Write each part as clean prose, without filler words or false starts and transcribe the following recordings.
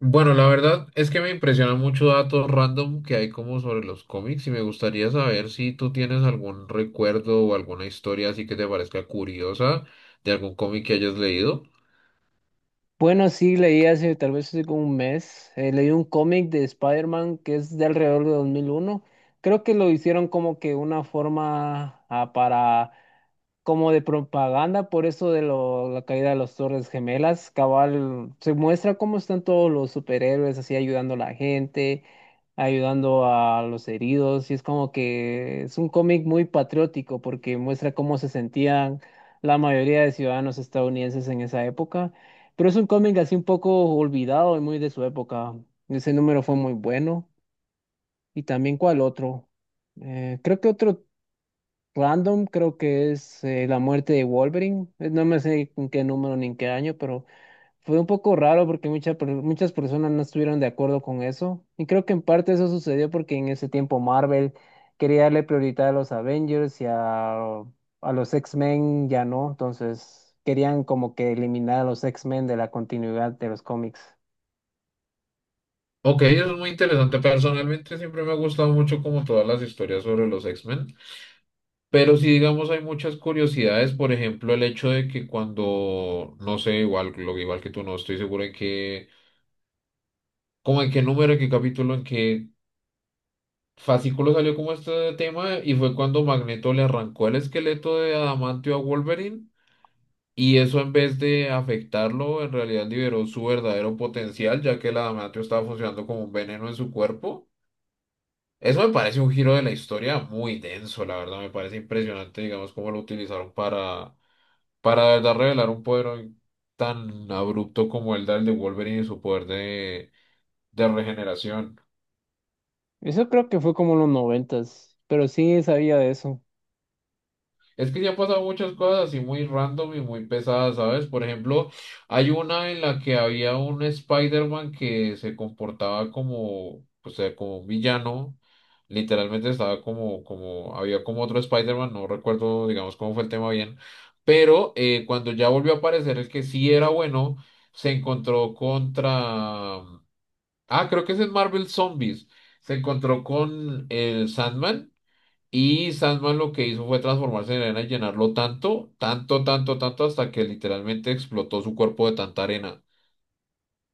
Bueno, la verdad es que me impresionan mucho datos random que hay como sobre los cómics y me gustaría saber si tú tienes algún recuerdo o alguna historia así que te parezca curiosa de algún cómic que hayas leído. Bueno, sí, leí hace tal vez hace como un mes, leí un cómic de Spider-Man que es de alrededor de 2001. Creo que lo hicieron como que una forma para, como de propaganda, por eso de la caída de las Torres Gemelas. Cabal, se muestra cómo están todos los superhéroes así ayudando a la gente, ayudando a los heridos, y es como que es un cómic muy patriótico porque muestra cómo se sentían la mayoría de ciudadanos estadounidenses en esa época. Pero es un cómic así un poco olvidado y muy de su época. Ese número fue muy bueno. Y también, ¿cuál otro? Creo que otro random, creo que es La muerte de Wolverine. No me sé en qué número ni en qué año, pero fue un poco raro porque muchas personas no estuvieron de acuerdo con eso. Y creo que en parte eso sucedió porque en ese tiempo Marvel quería darle prioridad a los Avengers y a los X-Men ya no. Entonces querían como que eliminar a los X-Men de la continuidad de los cómics. Ok, eso es muy interesante. Personalmente siempre me ha gustado mucho como todas las historias sobre los X-Men, pero si digamos hay muchas curiosidades, por ejemplo, el hecho de que cuando, no sé, igual, lo igual que tú no estoy seguro en qué, como en qué número, en qué capítulo, en qué fascículo salió como este tema y fue cuando Magneto le arrancó el esqueleto de adamantio a Wolverine y eso en vez de afectarlo en realidad liberó su verdadero potencial ya que el adamantio estaba funcionando como un veneno en su cuerpo. Eso me parece un giro de la historia muy denso, la verdad me parece impresionante digamos cómo lo utilizaron para de verdad revelar un poder tan abrupto como el del de Wolverine y su poder de regeneración. Eso creo que fue como en los noventas, pero sí sabía de eso. Es que se han pasado muchas cosas así muy random y muy pesadas, ¿sabes? Por ejemplo, hay una en la que había un Spider-Man que se comportaba como, o sea, como un villano. Literalmente estaba como, había como otro Spider-Man, no recuerdo, digamos, cómo fue el tema bien. Pero cuando ya volvió a aparecer el que sí era bueno, se encontró contra... Ah, creo que es en Marvel Zombies. Se encontró con el Sandman. Y Sandman lo que hizo fue transformarse en arena y llenarlo tanto, tanto, tanto, tanto, hasta que literalmente explotó su cuerpo de tanta arena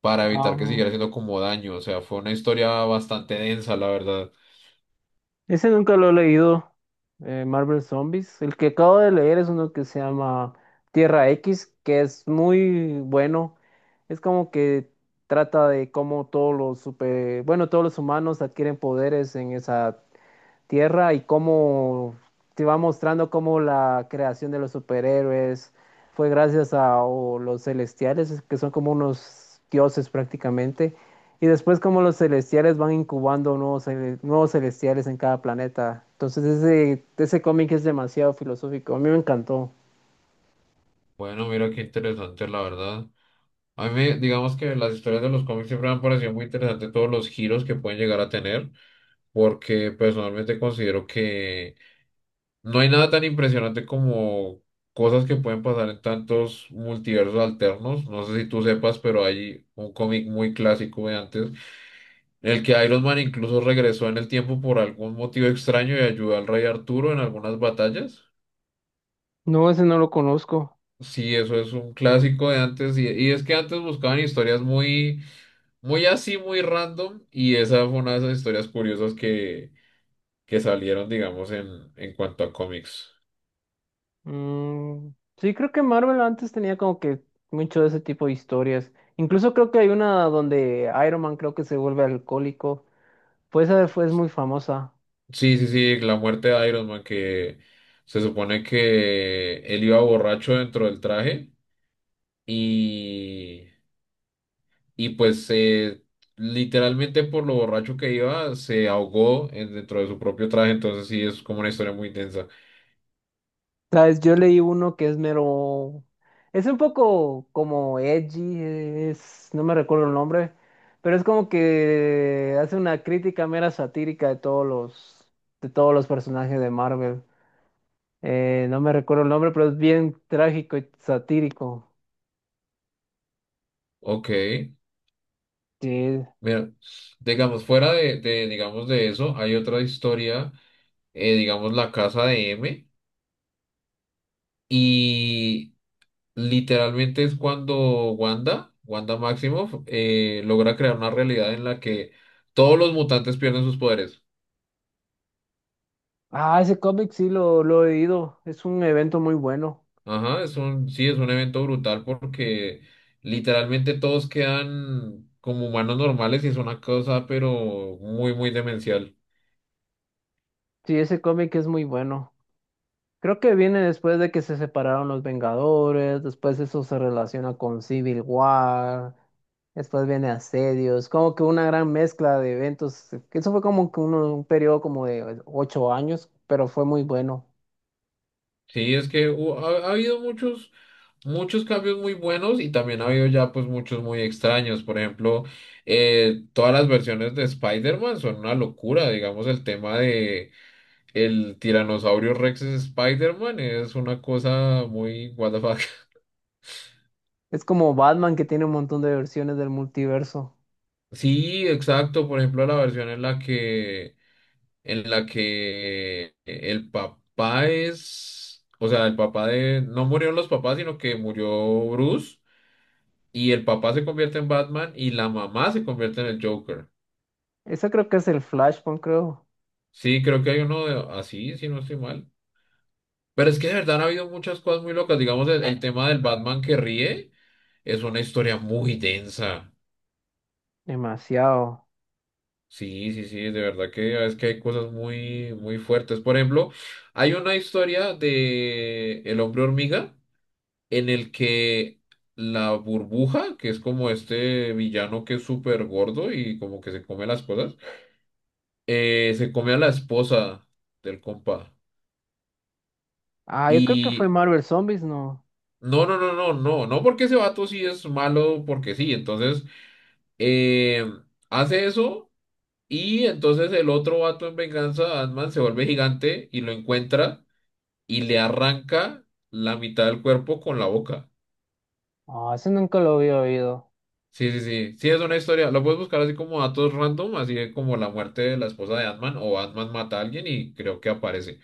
para evitar que Ah, siguiera haciendo como daño. O sea, fue una historia bastante densa, la verdad. ese nunca lo he leído, Marvel Zombies. El que acabo de leer es uno que se llama Tierra X, que es muy bueno. Es como que trata de cómo todos los super, bueno, todos los humanos adquieren poderes en esa tierra y cómo te va mostrando cómo la creación de los superhéroes fue gracias a o los celestiales, que son como unos dioses prácticamente, y después cómo los celestiales van incubando nuevos, nuevos celestiales en cada planeta. Entonces ese cómic es demasiado filosófico, a mí me encantó. Bueno, mira qué interesante, la verdad. A mí, digamos que las historias de los cómics siempre me han parecido muy interesantes todos los giros que pueden llegar a tener, porque personalmente considero que no hay nada tan impresionante como cosas que pueden pasar en tantos multiversos alternos. No sé si tú sepas, pero hay un cómic muy clásico de antes, en el que Iron Man incluso regresó en el tiempo por algún motivo extraño y ayudó al rey Arturo en algunas batallas. No, ese no lo conozco. Sí, eso es un clásico de antes. Y es que antes buscaban historias muy, muy así, muy random. Y esa fue una de esas historias curiosas que salieron, digamos, en cuanto a cómics. Mm, sí, creo que Marvel antes tenía como que mucho de ese tipo de historias. Incluso creo que hay una donde Iron Man creo que se vuelve alcohólico. Pues esa fue, es muy famosa. Sí, sí, sí, la muerte de Iron Man, que se supone que él iba borracho dentro del traje y, y pues literalmente por lo borracho que iba se ahogó dentro de su propio traje, entonces sí, es como una historia muy densa. ¿Sabes? Yo leí uno que es mero. Es un poco como edgy, es no me recuerdo el nombre, pero es como que hace una crítica mera satírica de de todos los personajes de Marvel. No me recuerdo el nombre, pero es bien trágico y satírico. Ok, Sí. mira, digamos, fuera de, digamos, de eso, hay otra historia, digamos, La Casa de M. Y literalmente es cuando Wanda, Wanda Maximoff, logra crear una realidad en la que todos los mutantes pierden sus poderes. Ah, ese cómic sí lo he leído. Es un evento muy bueno. Ajá, sí, es un evento brutal porque literalmente todos quedan como humanos normales y es una cosa, pero muy, muy demencial. Sí, ese cómic es muy bueno. Creo que viene después de que se separaron los Vengadores, después eso se relaciona con Civil War, después viene Asedios, como que una gran mezcla de eventos. Eso fue como que un periodo como de 8 años, pero fue muy bueno. Sí, es que ha habido muchos, muchos cambios muy buenos y también ha habido ya pues muchos muy extraños. Por ejemplo, todas las versiones de Spider-Man son una locura, digamos, el tema de el tiranosaurio Rex es Spider-Man es una cosa muy what the fuck. Es como Batman que tiene un montón de versiones del multiverso. Sí, exacto. Por ejemplo, la versión en la que el papá es, o sea, el papá de no murieron los papás, sino que murió Bruce y el papá se convierte en Batman y la mamá se convierte en el Joker. Eso creo que es el Flashpoint, creo. Sí, creo que hay uno así, si no estoy mal. Pero es que de verdad han habido muchas cosas muy locas. Digamos, el tema del Batman que ríe es una historia muy densa. Demasiado. Sí, sí, sí, de verdad que es que hay cosas muy, muy fuertes. Por ejemplo, hay una historia de El hombre hormiga en el que la burbuja, que es como este villano que es súper gordo y como que se come las cosas, se come a la esposa del compa. Ah, yo creo que fue Y Marvel Zombies, ¿no? no, no, no, no, no, no porque ese vato sí es malo, porque sí. Entonces, eh, hace eso y entonces el otro vato en venganza, Ant-Man, se vuelve gigante y lo encuentra y le arranca la mitad del cuerpo con la boca. Ah, ese nunca lo había oído. Sí, sí, sí. Sí, es una historia. Lo puedes buscar así como datos random, así de como la muerte de la esposa de Ant-Man o Ant-Man mata a alguien y creo que aparece.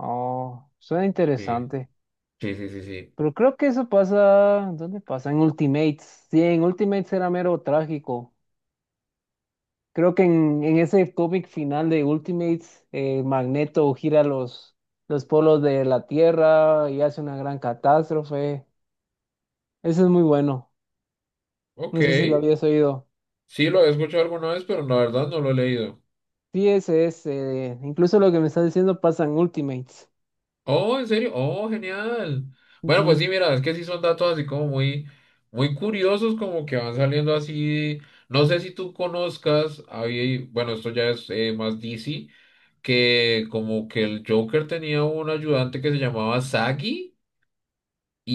Oh, suena Sí, interesante. sí, sí, sí, sí. Pero creo que eso pasa, ¿dónde pasa? En Ultimates. Sí, en Ultimates era mero trágico. Creo que en ese cómic final de Ultimates, Magneto gira los polos de la Tierra y hace una gran catástrofe. Eso es muy bueno. Ok. No sé si lo habías oído. Sí, lo he escuchado alguna vez, pero la verdad no lo he leído. Sí, ese es. Incluso lo que me estás diciendo pasa en Ultimates. Oh, ¿en serio? Oh, genial. Bueno, pues Ujú. sí, mira, es que sí son datos así como muy, muy curiosos, como que van saliendo así. No sé si tú conozcas, hay- bueno, esto ya es más DC, que como que el Joker tenía un ayudante que se llamaba Sagi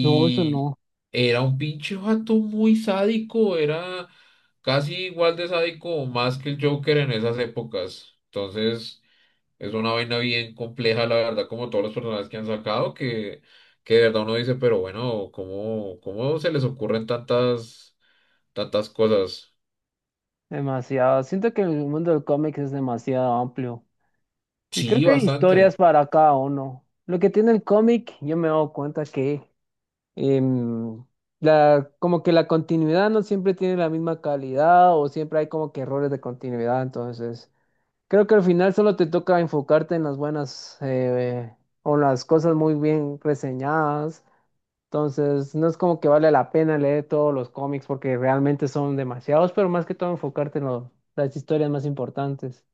No, eso no. era un pinche vato muy sádico, era casi igual de sádico o más que el Joker en esas épocas. Entonces... Es una vaina bien compleja, la verdad, como todos los personajes que han sacado, que de verdad uno dice, pero bueno, ¿cómo, cómo se les ocurren tantas, tantas cosas? Demasiado. Siento que el mundo del cómic es demasiado amplio. Y creo Sí, que hay historias bastante. para cada uno. Lo que tiene el cómic, yo me he dado cuenta que em, la, como que la continuidad no siempre tiene la misma calidad o siempre hay como que errores de continuidad. Entonces, creo que al final solo te toca enfocarte en las buenas o las cosas muy bien reseñadas. Entonces, no es como que vale la pena leer todos los cómics porque realmente son demasiados, pero más que todo enfocarte en las historias más importantes.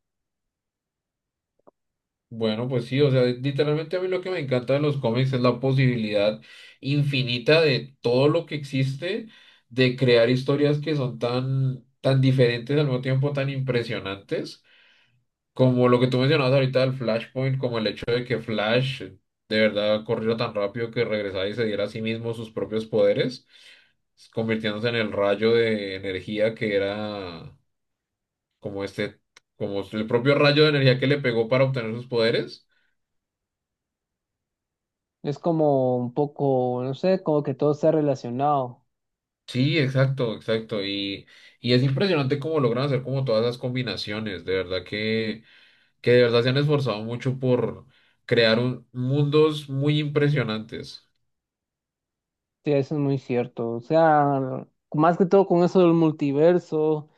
Bueno, pues sí, o sea, literalmente a mí lo que me encanta de los cómics es la posibilidad infinita de todo lo que existe, de crear historias que son tan, tan diferentes, al mismo tiempo tan impresionantes. Como lo que tú mencionabas ahorita del Flashpoint, como el hecho de que Flash de verdad corrió tan rápido que regresara y se diera a sí mismo sus propios poderes, convirtiéndose en el rayo de energía que era como este, como el propio rayo de energía que le pegó para obtener sus poderes. Es como un poco, no sé, como que todo está relacionado. Sí, exacto, exacto. Y es impresionante cómo logran hacer como todas esas combinaciones. De verdad que de verdad se han esforzado mucho por crear mundos muy impresionantes. Sí, eso es muy cierto. O sea, más que todo con eso del multiverso,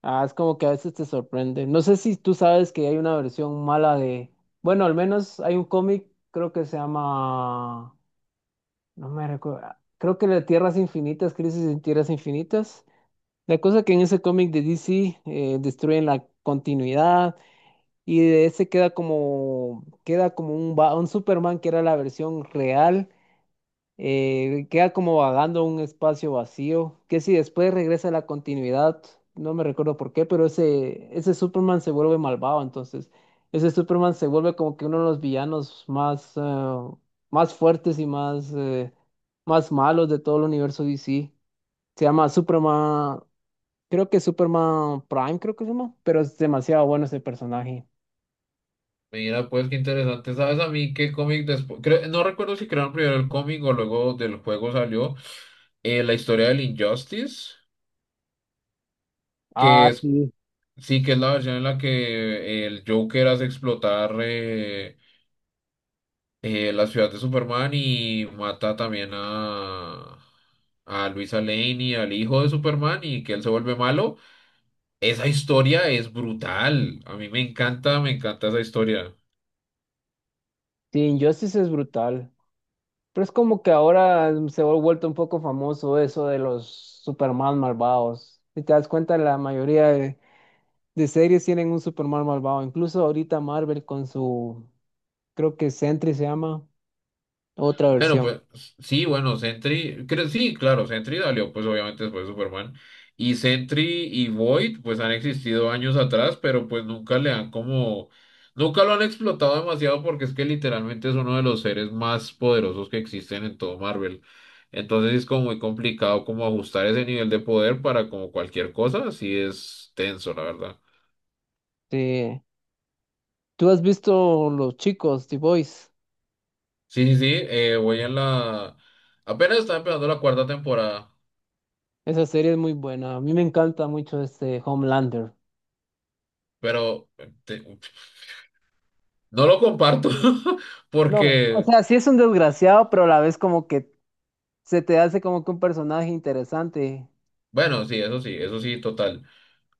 ah, es como que a veces te sorprende. No sé si tú sabes que hay una versión mala de, bueno, al menos hay un cómic, creo que se llama, no me recuerdo, ah, creo que de Tierras Infinitas, Crisis en Tierras Infinitas. La cosa que en ese cómic de DC destruyen la continuidad. Y de ese queda como un, un Superman que era la versión real, queda como vagando un espacio vacío, que si después regresa a la continuidad, no me recuerdo por qué, pero ese Superman se vuelve malvado, entonces ese Superman se vuelve como que uno de los villanos más, más fuertes y más, más malos de todo el universo DC. Se llama Superman, creo que Superman Prime, creo que se llama, pero es demasiado bueno ese personaje. Mira, pues qué interesante. ¿Sabes a mí qué cómic después? No recuerdo si crearon primero el cómic o luego del juego salió la historia del Injustice, que Ah, es sí. sí que es la versión en la que el Joker hace explotar la ciudad de Superman y mata también a Luisa Lane y al hijo de Superman y que él se vuelve malo. Esa historia es brutal. A mí me encanta esa historia. Sí, Injustice es brutal. Pero es como que ahora se ha vuelto un poco famoso eso de los Superman malvados. Si te das cuenta, la mayoría de series tienen un Superman malvado. Incluso ahorita Marvel con su, creo que Sentry se llama, otra Bueno, versión. pues sí, bueno, Sentry, creo, sí, claro, Sentry salió pues obviamente después de Superman. Y Sentry y Void pues han existido años atrás, pero pues nunca le han como, nunca lo han explotado demasiado porque es que literalmente es uno de los seres más poderosos que existen en todo Marvel. Entonces es como muy complicado como ajustar ese nivel de poder para como cualquier cosa, así es tenso, la verdad. Sí. ¿Tú has visto Los Chicos, The Boys? Sí, sí, sí, voy en la... Apenas está empezando la cuarta temporada, Esa serie es muy buena. A mí me encanta mucho este Homelander. pero... No lo comparto No, o porque, sea, sí es un desgraciado, pero a la vez como que se te hace como que un personaje interesante. bueno, sí, eso sí, eso sí, total.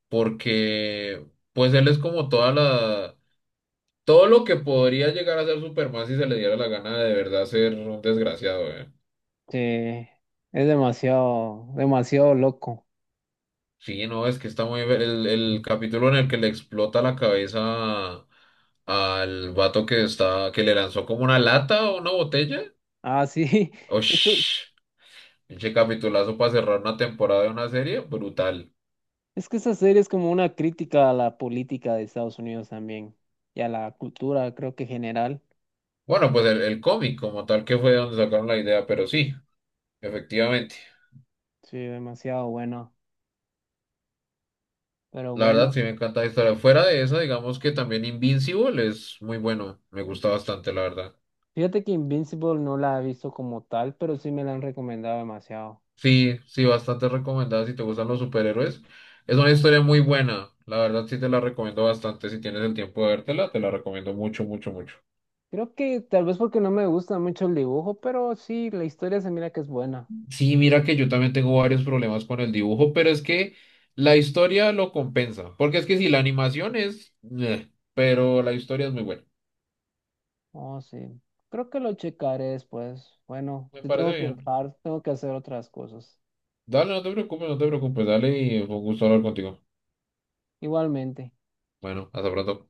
Porque, pues él es como toda la, todo lo que podría llegar a ser Superman si se le diera la gana de verdad ser un desgraciado, eh. Sí, es demasiado, demasiado loco. Sí, no, es que está muy, el capítulo en el que le explota la cabeza al vato que está, que le lanzó como una lata o una botella. Ah, sí, es que, Osh, pinche capitulazo para cerrar una temporada de una serie, brutal. es que esa serie es como una crítica a la política de Estados Unidos también y a la cultura, creo que general. Bueno, pues el cómic como tal que fue de donde sacaron la idea, pero sí, efectivamente. Sí, demasiado bueno. Pero La verdad bueno, sí me encanta la historia. Fuera de esa, digamos que también Invincible es muy bueno. Me gusta bastante, la verdad. fíjate que Invincible no la he visto como tal, pero sí me la han recomendado demasiado. Sí, sí, bastante recomendada si te gustan los superhéroes. Es una historia muy buena. La verdad sí te la recomiendo bastante. Si tienes el tiempo de vértela, te la recomiendo mucho, mucho, mucho. Creo que tal vez porque no me gusta mucho el dibujo, pero sí, la historia se mira que es buena. Sí, mira que yo también tengo varios problemas con el dibujo, pero es que la historia lo compensa. Porque es que si la animación es... pero la historia es muy buena. Oh, sí. Creo que lo checaré después. Bueno, Me te tengo parece que bien. dejar, tengo que hacer otras cosas. Dale, no te preocupes, no te preocupes. Dale y fue un gusto hablar contigo. Igualmente. Bueno, hasta pronto.